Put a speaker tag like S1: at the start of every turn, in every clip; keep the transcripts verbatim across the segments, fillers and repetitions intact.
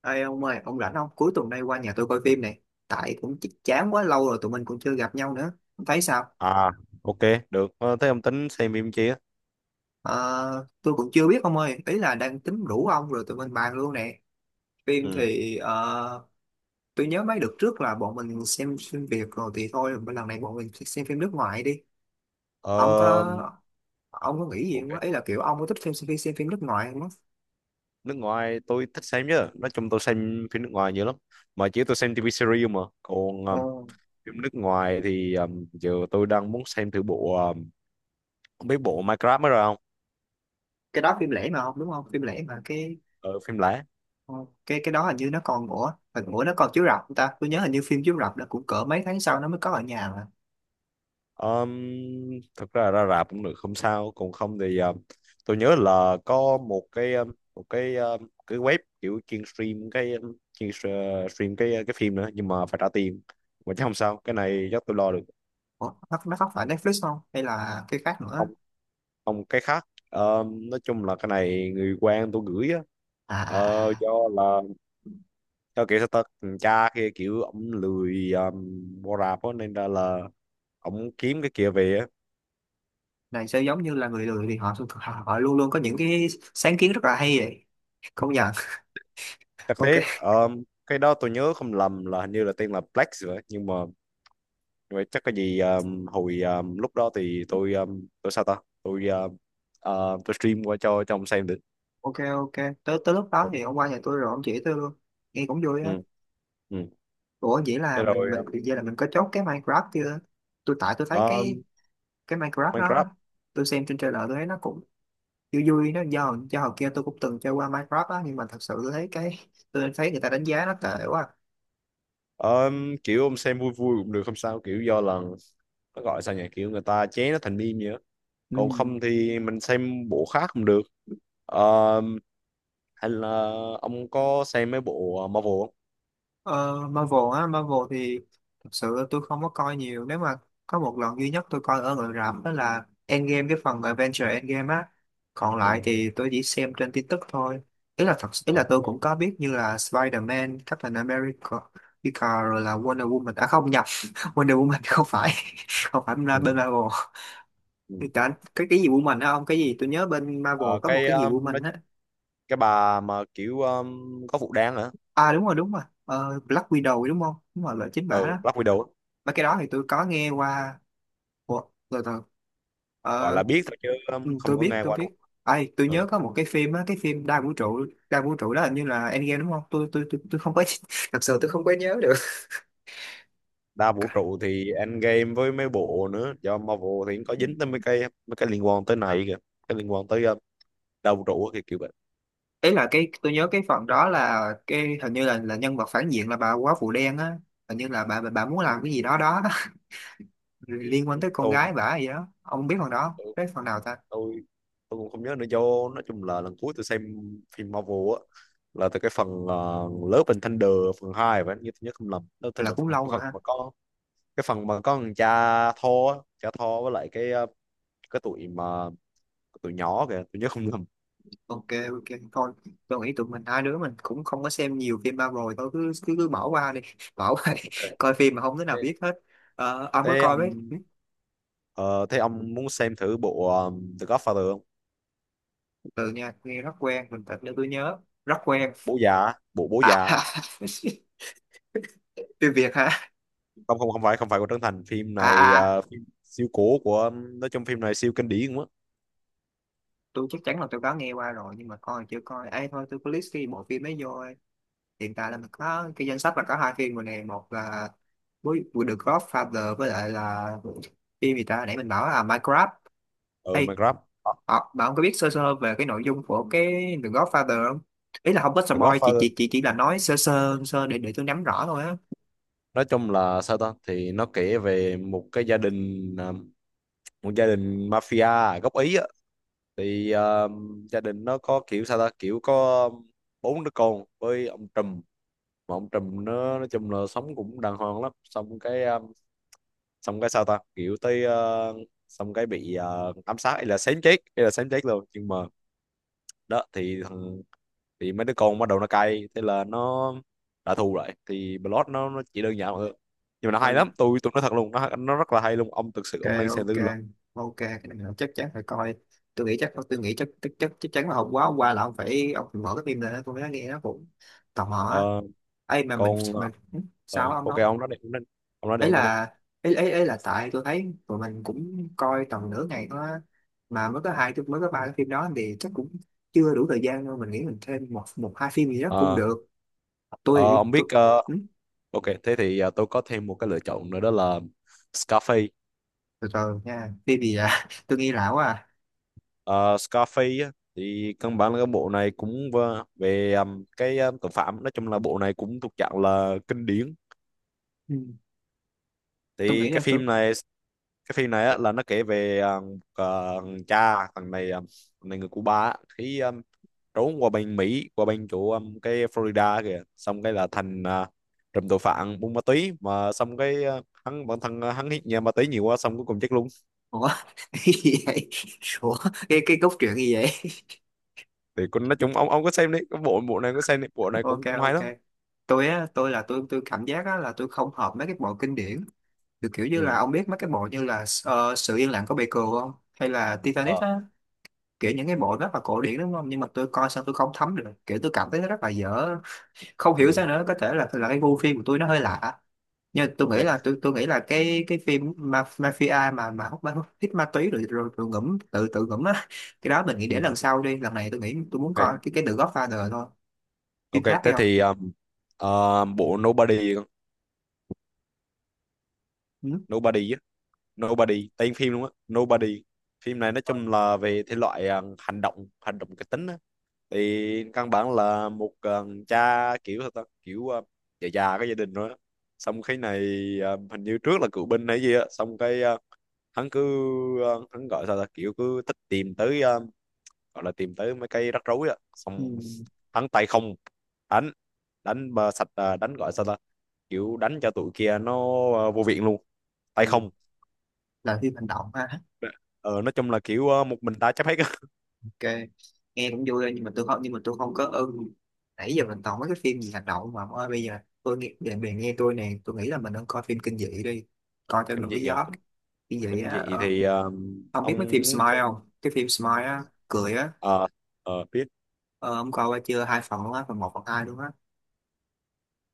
S1: Ê ông ơi, ông rảnh không? Cuối tuần này qua nhà tôi coi phim này. Tại cũng ch- chán quá lâu rồi tụi mình cũng chưa gặp nhau nữa. Ông thấy sao?
S2: À, ok, được. Ờ, thế ông tính xem phim chi á?
S1: Ờ, tôi cũng chưa biết ông ơi. Ý là đang tính rủ ông rồi tụi mình bàn luôn nè. Phim
S2: Ừ.
S1: thì ờ, tôi nhớ mấy đợt trước là bọn mình xem phim Việt rồi thì thôi. Lần này bọn mình xem phim nước ngoài đi. Ông
S2: Ờ,
S1: có ông có nghĩ gì
S2: ok.
S1: không, á? Ý là kiểu ông có thích xem, xem phim nước ngoài không, á?
S2: Nước ngoài tôi thích xem chứ. Nói chung tôi xem phim nước ngoài nhiều lắm. Mà chỉ tôi xem ti vi series mà. Còn ờ,
S1: Ồ,
S2: phim nước ngoài thì ờ, giờ tôi đang muốn xem thử bộ, ờ, không biết bộ Minecraft mới rồi không?
S1: cái đó phim lẻ mà, không đúng không? Phim lẻ mà cái
S2: Ờ, phim lẻ.
S1: Ờ, cái cái đó hình như nó còn, ủa hình ủa nó còn chiếu rạp không ta, tôi nhớ hình như phim chiếu rạp nó cũng cỡ mấy tháng sau nó mới có ở nhà mà.
S2: Um, thật ra ra rạp cũng được, không sao. Còn không thì ờ, tôi nhớ là có một cái ờ, một cái ờ, cái web kiểu chuyên stream cái ờ, chuyên s- ờ, stream cái ờ, cái phim nữa, nhưng mà phải trả tiền mà, chứ không sao, cái này chắc tôi lo được.
S1: ủa nó, nó không phải Netflix không, hay là cái khác nữa?
S2: Không, không, cái khác. Ờ, nói chung là cái này người quen tôi gửi á.
S1: À à
S2: Ờ,
S1: à à.
S2: do là do kiểu sao ta, thằng cha kia kiểu ổng lười um, mua rạp á, nên ra là ổng kiếm cái kia về á.
S1: Này sẽ giống như là người lười thì họ, họ họ luôn luôn có những cái sáng kiến rất là hay vậy, công nhận.
S2: Thật thế,
S1: Ok
S2: um, cái đó tôi nhớ không lầm là hình như là tên là Black rồi ấy. Nhưng mà nhưng mà chắc cái gì um, hồi um, lúc đó thì tôi um, tôi sao ta tôi um, ờ, tôi stream qua cho cho ông xem được.
S1: ok ok, tới tới lúc đó
S2: Ừ,
S1: thì ông qua nhà tôi rồi ông chỉ tôi luôn, nghe cũng vui á.
S2: ừ, ừ.
S1: ủa vậy là
S2: Thế
S1: mình
S2: rồi.
S1: mình vậy là mình có chốt cái Minecraft chưa? Tôi tại tôi thấy cái
S2: um,
S1: cái Minecraft đó,
S2: Minecraft.
S1: tôi xem trên trailer tôi thấy nó cũng vui vui. Nó do do hồi kia tôi cũng từng chơi qua Minecraft á, nhưng mà thật sự tôi thấy cái tôi thấy người ta đánh giá nó tệ quá.
S2: um, kiểu ông xem vui vui cũng được không sao, kiểu do là nó gọi sao nhỉ, kiểu người ta chế nó thành meme vậy á.
S1: Ừ.
S2: Còn không thì mình xem bộ khác cũng được. um, hay là ông có xem mấy bộ Marvel không?
S1: ờ, Marvel á, Marvel thì thật sự tôi không có coi nhiều. Nếu mà có một lần duy nhất tôi coi ở ngoài rạp đó là Endgame, cái phần Avengers Endgame á, còn
S2: Ừ.
S1: lại thì tôi chỉ xem trên tin tức thôi. Ý là thật ý là
S2: Ok.
S1: tôi cũng có biết như là Spider-Man, Captain America America, rồi là Wonder Woman, à không nhập Wonder Woman không phải không phải bên
S2: Ừ.
S1: Marvel.
S2: Ừ.
S1: Cả cái cái gì Woman á, ông cái gì tôi nhớ bên Marvel
S2: Ờ,
S1: có một
S2: cái
S1: cái gì
S2: um, nó,
S1: Woman á.
S2: cái bà mà kiểu, um, có vụ đáng hả?
S1: À đúng rồi đúng rồi. Ờ, Black Widow đúng không, đúng rồi là chính bả
S2: Ừ,
S1: đó,
S2: Black Widow á.
S1: và cái đó thì tôi có nghe qua. Ủa, từ từ.
S2: Gọi
S1: Ờ,
S2: là biết thôi chứ
S1: ừ,
S2: um, không
S1: tôi
S2: có
S1: biết
S2: nghe
S1: tôi
S2: qua đâu.
S1: biết ai tôi
S2: Ừ.
S1: nhớ có một cái phim á, cái phim đa vũ trụ, đa vũ trụ đó hình như là Endgame đúng không. Tôi tôi tôi, tôi không có thật sự tôi không có nhớ được.
S2: Đa vũ trụ thì Endgame với mấy bộ nữa, do Marvel thì cũng có dính tới mấy cái mấy cái liên quan tới này kìa, cái liên quan tới um, đa vũ trụ thì kiểu vậy.
S1: Ấy là cái tôi nhớ cái phần đó là cái hình như là là nhân vật phản diện là bà quá phụ đen á, hình như là bà bà, bà muốn làm cái gì đó đó
S2: Ừ.
S1: liên quan tới con
S2: Tôi
S1: gái bả gì đó. Ông biết phần đó không?
S2: tôi
S1: Biết phần nào ta?
S2: tôi tôi cũng không nhớ nữa, do nói chung là lần cuối tôi xem phim Marvel á là từ cái phần uh, Love and Thunder phần hai vậy, nếu tôi nhớ không lầm. Love and
S1: Là
S2: Thunder phần
S1: cũng
S2: hai, cái
S1: lâu rồi
S2: phần
S1: ha.
S2: mà có cái phần mà có thằng cha thô, á, cha thô với lại cái ờ, cái tụi mà cái tụi nhỏ kìa, tôi nhớ không nhầm.
S1: Ok, ok thôi, tôi nghĩ tụi mình hai đứa mình cũng không có xem nhiều phim Marvel, thôi cứ cứ, cứ bỏ qua đi bỏ qua đi.
S2: Ok.
S1: Coi phim mà không đứa nào
S2: Thế
S1: biết hết. Ờ, ông có
S2: thế
S1: coi mấy
S2: ông ờ, thế ông muốn xem thử bộ um, The Godfather không?
S1: từ nha nghe rất quen, mình thật để tôi nhớ, rất quen.
S2: Bố già á, bộ bố già á.
S1: À, phim Việt hả?
S2: Không, không, không phải không phải của Trấn Thành. Phim này
S1: À, à à,
S2: ờ, phim siêu cổ, của nói chung phim này siêu kinh điển quá.
S1: tôi chắc chắn là tôi có nghe qua rồi nhưng mà coi chưa coi ấy, thôi tôi có list cái bộ phim ấy vô ấy. Hiện tại là mình có cái danh sách là có hai phim rồi nè, một là với với The Godfather, với lại là phim gì ta nãy mình bảo là Minecraft.
S2: Ở ừ mà.
S1: Ê, họ bạn không có biết sơ sơ về cái nội dung của cái The Godfather không? Ý là không có
S2: The
S1: spoil, chị
S2: Godfather
S1: chị chị chỉ là nói sơ sơ sơ để để tôi nắm rõ thôi á.
S2: nói chung là sao ta, thì nó kể về một cái gia đình ờ, một gia đình mafia gốc Ý á. Thì ờ, gia đình nó có kiểu sao ta, kiểu có bốn đứa con với ông Trùm, mà ông Trùm nó nói chung là sống cũng đàng hoàng lắm, xong cái ờ, xong cái sao ta, kiểu tới ờ, xong cái bị ờ, ám sát, hay là xém chết hay là xém chết luôn, nhưng mà đó thì thằng thì mấy đứa con bắt đầu nó cay, thế là nó trả thù lại, thì Blood nó, nó chỉ đơn giản thôi, nhưng mà nó hay lắm.
S1: Ok
S2: Tôi tôi nói thật luôn, nó nó rất là hay luôn, ông thực sự
S1: ok
S2: ông nên xem thử là.
S1: ok, cái này là chắc chắn phải coi. Tôi nghĩ chắc tôi nghĩ chắc chắc chắc chắc chắn là hôm qua hôm qua là ông phải ông phải mở cái phim lên tôi mới nghe, nó cũng tò mò á.
S2: Ờ,
S1: Ấy mà mình
S2: còn ờ,
S1: mình
S2: ờ,
S1: sao ông
S2: ok
S1: nói.
S2: ông nói đi, ông nói, đi, ông nói đi,
S1: Ấy
S2: ông nói đi.
S1: là ấy, ấy, ấy là tại tôi thấy tụi mình cũng coi tầm nửa ngày thôi á. Mà mới có hai mới có ba cái phim đó thì chắc cũng chưa đủ thời gian đâu, mình nghĩ mình thêm một một hai phim gì đó cũng
S2: Ờ,
S1: được.
S2: Ờ,
S1: tôi
S2: ông
S1: tôi
S2: biết, ờ,
S1: ừ,
S2: ok thế thì, ờ, tôi có thêm một cái lựa chọn nữa đó là Scarface.
S1: từ từ nha, phim gì vậy? Tôi nghĩ lão à.
S2: Ờ, Scarface á, thì căn bản là cái bộ này cũng vơ- về ừm, cái ờ, tội phạm, nói chung là bộ này cũng thuộc dạng là kinh điển.
S1: Ừ, tôi
S2: Thì
S1: nghĩ là
S2: cái
S1: tôi.
S2: phim này cái phim này á, là nó kể về ờ, một, ờ, thằng cha thằng này ờ, thằng này người Cuba á, khi ừm, trốn qua bên Mỹ, qua bên chỗ ừm, cái Florida kìa, xong cái là thành ờ, trùm tội phạm buôn ma túy mà. Xong cái ờ, hắn bản thân, ờ, hắn hít nhà ma túy nhiều quá, xong cuối cùng chết luôn.
S1: Ủa cái gì vậy? Ủa cái cái cốt truyện gì vậy?
S2: Thì con nói chung, ông ông có xem đấy, cái bộ bộ này có xem đấy, bộ này
S1: Ok
S2: cũng cũng hay lắm.
S1: ok, tôi á tôi là tôi tôi cảm giác á là tôi không hợp mấy cái bộ kinh điển, từ kiểu như là
S2: Ừ.
S1: ông biết mấy cái bộ như là ờ, sự yên lặng của Baker không, hay là Titanic
S2: Ờ.
S1: á, kiểu những cái bộ rất là cổ điển đúng không. Nhưng mà tôi coi sao tôi không thấm được, kiểu tôi cảm thấy nó rất là dở, không hiểu
S2: Ừ.
S1: sao nữa, có thể là là cái gu phim của tôi nó hơi lạ. Nhưng tôi
S2: Ok.
S1: nghĩ là tôi tôi nghĩ là cái cái phim ma, mafia mà mà hút ma hút hít ma túy rồi rồi, rồi ngủm tự tự ngủm á, cái đó mình nghĩ để
S2: Ừ.
S1: lần sau đi, lần này tôi nghĩ tôi muốn coi
S2: Ok,
S1: cái cái The Godfather thôi. Phim
S2: ok,
S1: khác hay
S2: thế
S1: không?
S2: thì um, ờ, bộ Nobody con.
S1: Ừ.
S2: Nobody á. Nobody tên phim luôn á, Nobody. Phim này nói
S1: Ờ,
S2: chung là về thể loại um, hành động, hành động kịch tính á. Thì căn bản là một um, cha kiểu sao ta, kiểu um, già già, có gia đình rồi á. Xong cái này um, hình như trước là cựu binh hay gì á. Xong cái uh, hắn cứ, uh, hắn gọi sao ta, kiểu cứ thích tìm tới, ờ, gọi là tìm tới mấy cái rắc rối á. Xong
S1: Ừ.
S2: thắng tay không, đánh, đánh mà sạch, à, đánh gọi sao ta, kiểu đánh cho tụi kia nó, à, vô viện luôn,
S1: Thì
S2: tay không.
S1: là phim hành động ha.
S2: ờ, nói chung là kiểu, à, một mình ta chấp hết á.
S1: Ok, nghe cũng vui thôi nhưng mà tôi không nhưng mà tôi không có ưng. Nãy giờ mình toàn mấy cái phim gì hành động mà ông ơi, bây giờ tôi nghe bạn bè nghe tôi nè, tôi nghĩ là mình nên coi phim kinh dị đi, coi cho
S2: Kinh
S1: nổi
S2: dị à,
S1: gió.
S2: kinh,
S1: Kinh dị
S2: kinh
S1: á,
S2: dị
S1: ờ,
S2: thì, à,
S1: ông biết mấy phim
S2: ông muốn
S1: Smile
S2: xem.
S1: không, cái phim Smile á, cười á.
S2: Ờ. Ờ, biết.
S1: Ờ, ông coi qua chưa, hai phần luôn á, phần một phần hai luôn á.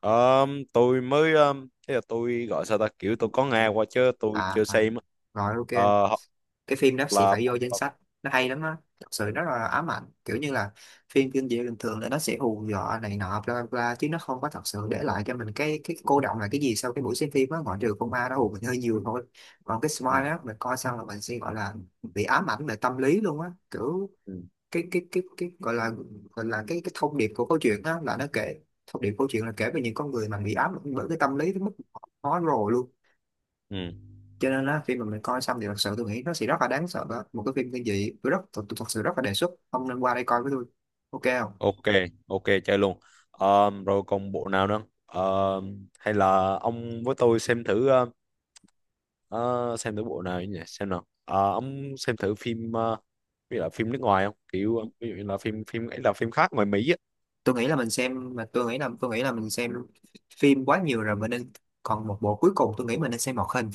S2: Ờ, tôi mới ờ, thế là tôi gọi sao ta, kiểu tôi có nghe qua chứ tôi
S1: À,
S2: chưa
S1: à
S2: xem á.
S1: rồi ok,
S2: Ờ, hoặc
S1: cái phim đó sẽ
S2: là.
S1: phải vô danh sách, nó hay lắm á. Thật sự rất là ám ảnh, kiểu như là phim kinh dị bình thường là nó sẽ hù dọa này nọ bla bla bla, chứ nó không có thật sự để lại cho mình cái cái cô đọng là cái gì sau cái buổi xem phim á, ngoại trừ con ma nó hù mình hơi nhiều thôi. Còn cái
S2: Ừ,
S1: smile á, mình coi xong là mình sẽ gọi là bị ám ảnh về tâm lý luôn á, kiểu
S2: ừ,
S1: cái cái cái cái gọi là gọi là cái cái thông điệp của câu chuyện á là nó kể, thông điệp câu chuyện là kể về những con người mà bị ám ảnh bởi cái tâm lý tới mức họ khó rồi luôn.
S2: ừ.
S1: Cho nên á khi mà mình coi xong thì thật sự tôi nghĩ nó sẽ rất là đáng sợ đó. Một cái phim kinh dị, tôi rất tôi, tôi thật sự rất là đề xuất ông nên qua đây coi với tôi, ok không?
S2: Ok, ok, chơi luôn. Ờm, rồi còn bộ nào nữa? Ờm, hay là ông với tôi xem thử ờ, ờ, xem thử bộ nào nhỉ? Xem nào. Ờ, ông xem thử phim, ờ, ví dụ là phim nước ngoài không? Kiểu ờ, ví dụ như là phim, phim ấy là phim khác ngoài Mỹ á.
S1: Tôi nghĩ là mình xem mà tôi nghĩ là tôi nghĩ là mình xem phim quá nhiều rồi, mình nên còn một bộ cuối cùng tôi nghĩ mình nên xem một hình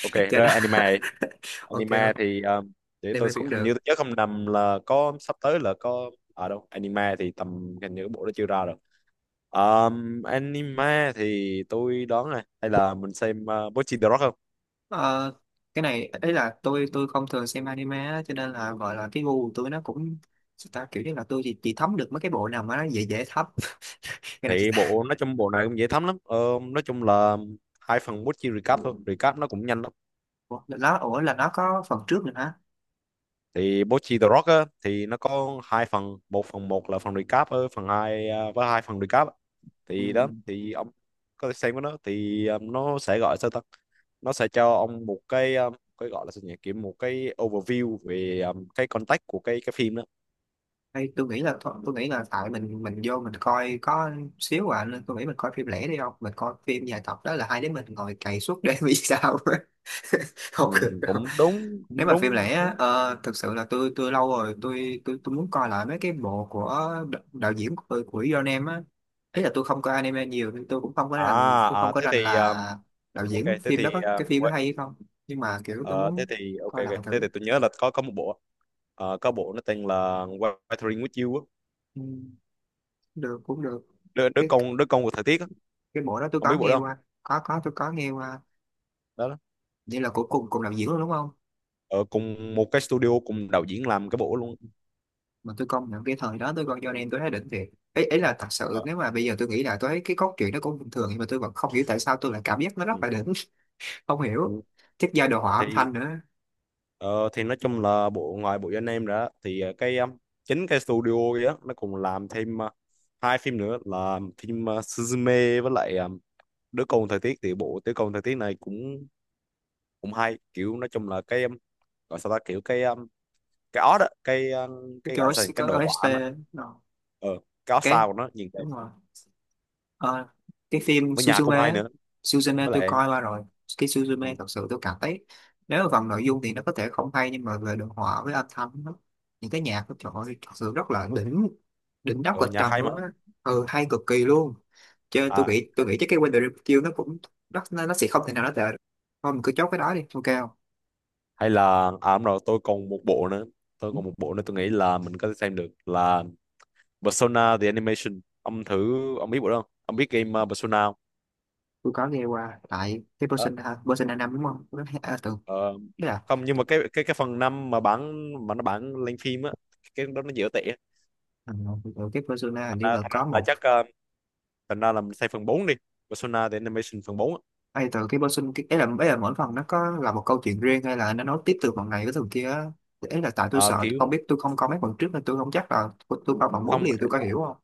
S2: Ok,
S1: cho đó.
S2: rồi anime.
S1: Ok
S2: Anime
S1: không?
S2: thì ờm, để tôi
S1: Anime
S2: sẽ,
S1: cũng
S2: hình
S1: được.
S2: như tôi nhớ không nhầm là có sắp tới là có ở, à, đâu anime thì tầm, hình như cái bộ đó chưa ra rồi. Ờm, anime thì tôi đoán này, hay là mình xem uh, Bocchi the Rock không?
S1: Ờ, cái này ấy là tôi tôi không thường xem anime á, cho nên là gọi là cái gu của tôi nó cũng sao ta, kiểu như là tôi chỉ, chỉ thấm được mấy cái bộ nào mà nó dễ dễ thấm. Cái này sao
S2: Thì
S1: ta?
S2: bộ nói chung bộ này cũng dễ thấm lắm. ờ, nói chung là hai phần Bochi recap thôi, recap nó cũng nhanh lắm.
S1: Ủa, là nó ủa là nó có phần trước nữa hả?
S2: Thì Bochi The Rock á, thì nó có hai phần, một phần một là phần recap, ờ, phần hai, ờ, với hai phần recap á.
S1: Ừ.
S2: Thì đó thì ông có thể xem cái đó, thì ờ, nó sẽ gọi sao ta, nó sẽ cho ông một cái, ờ, cái gọi là sao nhỉ, kiểu một cái overview về, ờ, cái context của cái cái phim đó.
S1: Hay tôi nghĩ là thôi- tôi nghĩ là tại mình mình vô mình coi có xíu à, nên tôi nghĩ mình coi phim lẻ đi, không mình coi phim dài tập đó là hai đứa mình ngồi cày suốt đêm vì sao
S2: Ừ,
S1: không được đâu.
S2: cũng đúng,
S1: Nếu
S2: cũng
S1: mà phim
S2: đúng,
S1: lẻ
S2: cũng đúng.
S1: á, ờ, thực sự là tôi tôi lâu rồi tôi tôi tôi muốn coi lại mấy cái bộ của đ- đạo diễn của của John Em á. Ý là tôi không coi anime nhiều nên tôi cũng không có rành,
S2: à,
S1: tôi không
S2: à
S1: có
S2: thế
S1: rành
S2: thì, ờ,
S1: là đạo
S2: ok
S1: diễn
S2: thế
S1: phim đó
S2: thì,
S1: có
S2: ờ,
S1: cái phim đó hay hay không, nhưng mà kiểu tôi
S2: Ờ, thế
S1: muốn
S2: thì ok,
S1: coi lại
S2: ok, thế
S1: thử.
S2: thì tôi nhớ là có có một bộ, ờ, có bộ nó tên là Weathering with You á.
S1: Ừ, được cũng được.
S2: đứa, đứa
S1: cái
S2: con đứa con của thời tiết á.
S1: cái bộ đó tôi
S2: Không
S1: có
S2: biết bộ đó
S1: nghe
S2: không?
S1: qua, có có tôi có nghe qua.
S2: Đó, đó.
S1: Vậy là cuối cùng cùng đạo diễn luôn đúng không?
S2: Ờ, cùng một cái studio, cùng đạo diễn làm cái bộ luôn.
S1: Mà tôi công nhận cái thời đó tôi coi Johnny tôi thấy đỉnh thiệt, ấy ấy là thật sự
S2: Ờ,
S1: nếu mà bây giờ tôi nghĩ lại tôi thấy cái cốt truyện nó cũng bình thường, nhưng mà tôi vẫn không hiểu tại sao tôi lại cảm giác nó rất
S2: ừ,
S1: là đỉnh. Không hiểu,
S2: ừ.
S1: chắc do đồ họa
S2: thì
S1: âm thanh nữa.
S2: ờ, thì nói chung là bộ ngoài bộ anh em ra thì ờ, cái ờ, chính cái studio kia á, nó cùng làm thêm ờ, hai phim nữa là phim ờ, Suzume với lại ờ, đứa con thời tiết. Thì bộ đứa con thời tiết này cũng cũng hay, kiểu nói chung là cái, ờ, gọi sao ta, kiểu cái cái ót á, cái ờ, cái
S1: Cái
S2: gọi là sao
S1: ô ét tê,
S2: nhỉ? Cái
S1: cái
S2: đồ họa nó,
S1: OST nó-
S2: ờ cái ót
S1: cái
S2: sao của nó nhìn đẹp,
S1: đúng rồi. Ờ, cái phim
S2: với nhà
S1: Suzume
S2: cũng hay
S1: á,
S2: nữa,
S1: Suzume
S2: với
S1: tôi
S2: lại
S1: coi qua rồi. Cái Suzume
S2: ừ,
S1: thật sự tôi cảm thấy nếu mà phần nội dung thì nó có thể không hay, nhưng mà về đồ họa với âm thanh nó, những cái nhạc của trời ơi, thật sự rất là đỉnh, đỉnh đáp
S2: ờ,
S1: kịch
S2: nhà
S1: trần
S2: hay mà.
S1: luôn á. Ừ, hay cực kỳ luôn. Chứ tôi
S2: À,
S1: nghĩ tôi nghĩ chắc cái Wonder Review nó cũng nó, nó sẽ không thể nào nó tệ được. Thôi mình cứ chốt cái đó đi, ok không?
S2: hay là à, đúng rồi, tôi còn một bộ nữa, tôi
S1: Ừ,
S2: còn một bộ nữa tôi nghĩ là mình có thể xem được là Persona the Animation. Ông thử ông biết bộ đó không? Ông biết game, ờ, Persona không?
S1: tôi có nghe qua tại cái
S2: Đó.
S1: Persona, Persona năm đúng không. Nó à, từ
S2: ờ,
S1: tức là
S2: không, nhưng mà cái cái cái phần năm, mà bản mà nó bản lên phim á, cái đó nó dở tệ á.
S1: ừ, từ cái Persona hình
S2: Thành
S1: như
S2: ra
S1: là
S2: thành ra
S1: có
S2: là
S1: một
S2: chắc ờ, thành ra là mình xem phần bốn đi. Persona the Animation phần bốn á.
S1: ai từ cái person cái ấy là ấy là mỗi phần nó có là một câu chuyện riêng, hay là nó nói tiếp từ phần này tới phần kia á. Ấy là tại tôi
S2: Ờ,
S1: sợ tôi
S2: kiểu
S1: không biết tôi không coi mấy phần trước nên tôi không chắc là tôi, tôi bao phần bốn
S2: không.
S1: liền tôi có hiểu không.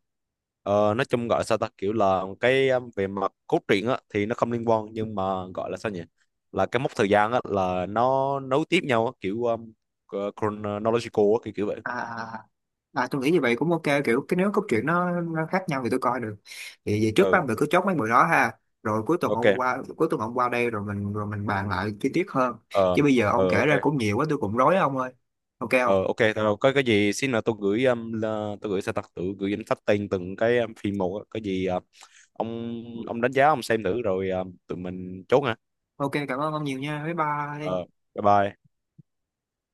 S2: Ờ, nói chung gọi sao ta, kiểu là cái, um, về mặt cốt truyện á thì nó không liên quan, nhưng mà gọi là sao nhỉ, là cái mốc thời gian á là nó nối tiếp nhau á, kiểu um, uh, chronological á, kiểu kiểu vậy.
S1: À à, tôi nghĩ như vậy cũng ok, kiểu cái nếu câu chuyện nó, nó khác nhau thì tôi coi được. Vậy, vậy trước ba
S2: Ừ.
S1: mình cứ chốt mấy bữa đó ha, rồi cuối tuần
S2: Ok.
S1: hôm qua cuối tuần hôm qua đây rồi mình rồi mình bàn lại chi tiết hơn.
S2: Ờ.
S1: Chứ bây giờ ông
S2: Ờ.
S1: kể
S2: Ok.
S1: ra cũng nhiều quá tôi cũng rối ông ơi, ok không?
S2: Ờ. Ok thôi, đâu, có cái gì xin là tôi gửi um, là, tôi gửi sao ta, tự gửi danh sách tên từng cái, um, phim một á. Cái gì uh, ông ông đánh giá, ông xem thử rồi, um, tụi mình chốt nha.
S1: Ok, cảm ơn ông nhiều nha, bye
S2: Ờ.
S1: bye.
S2: Bye bye.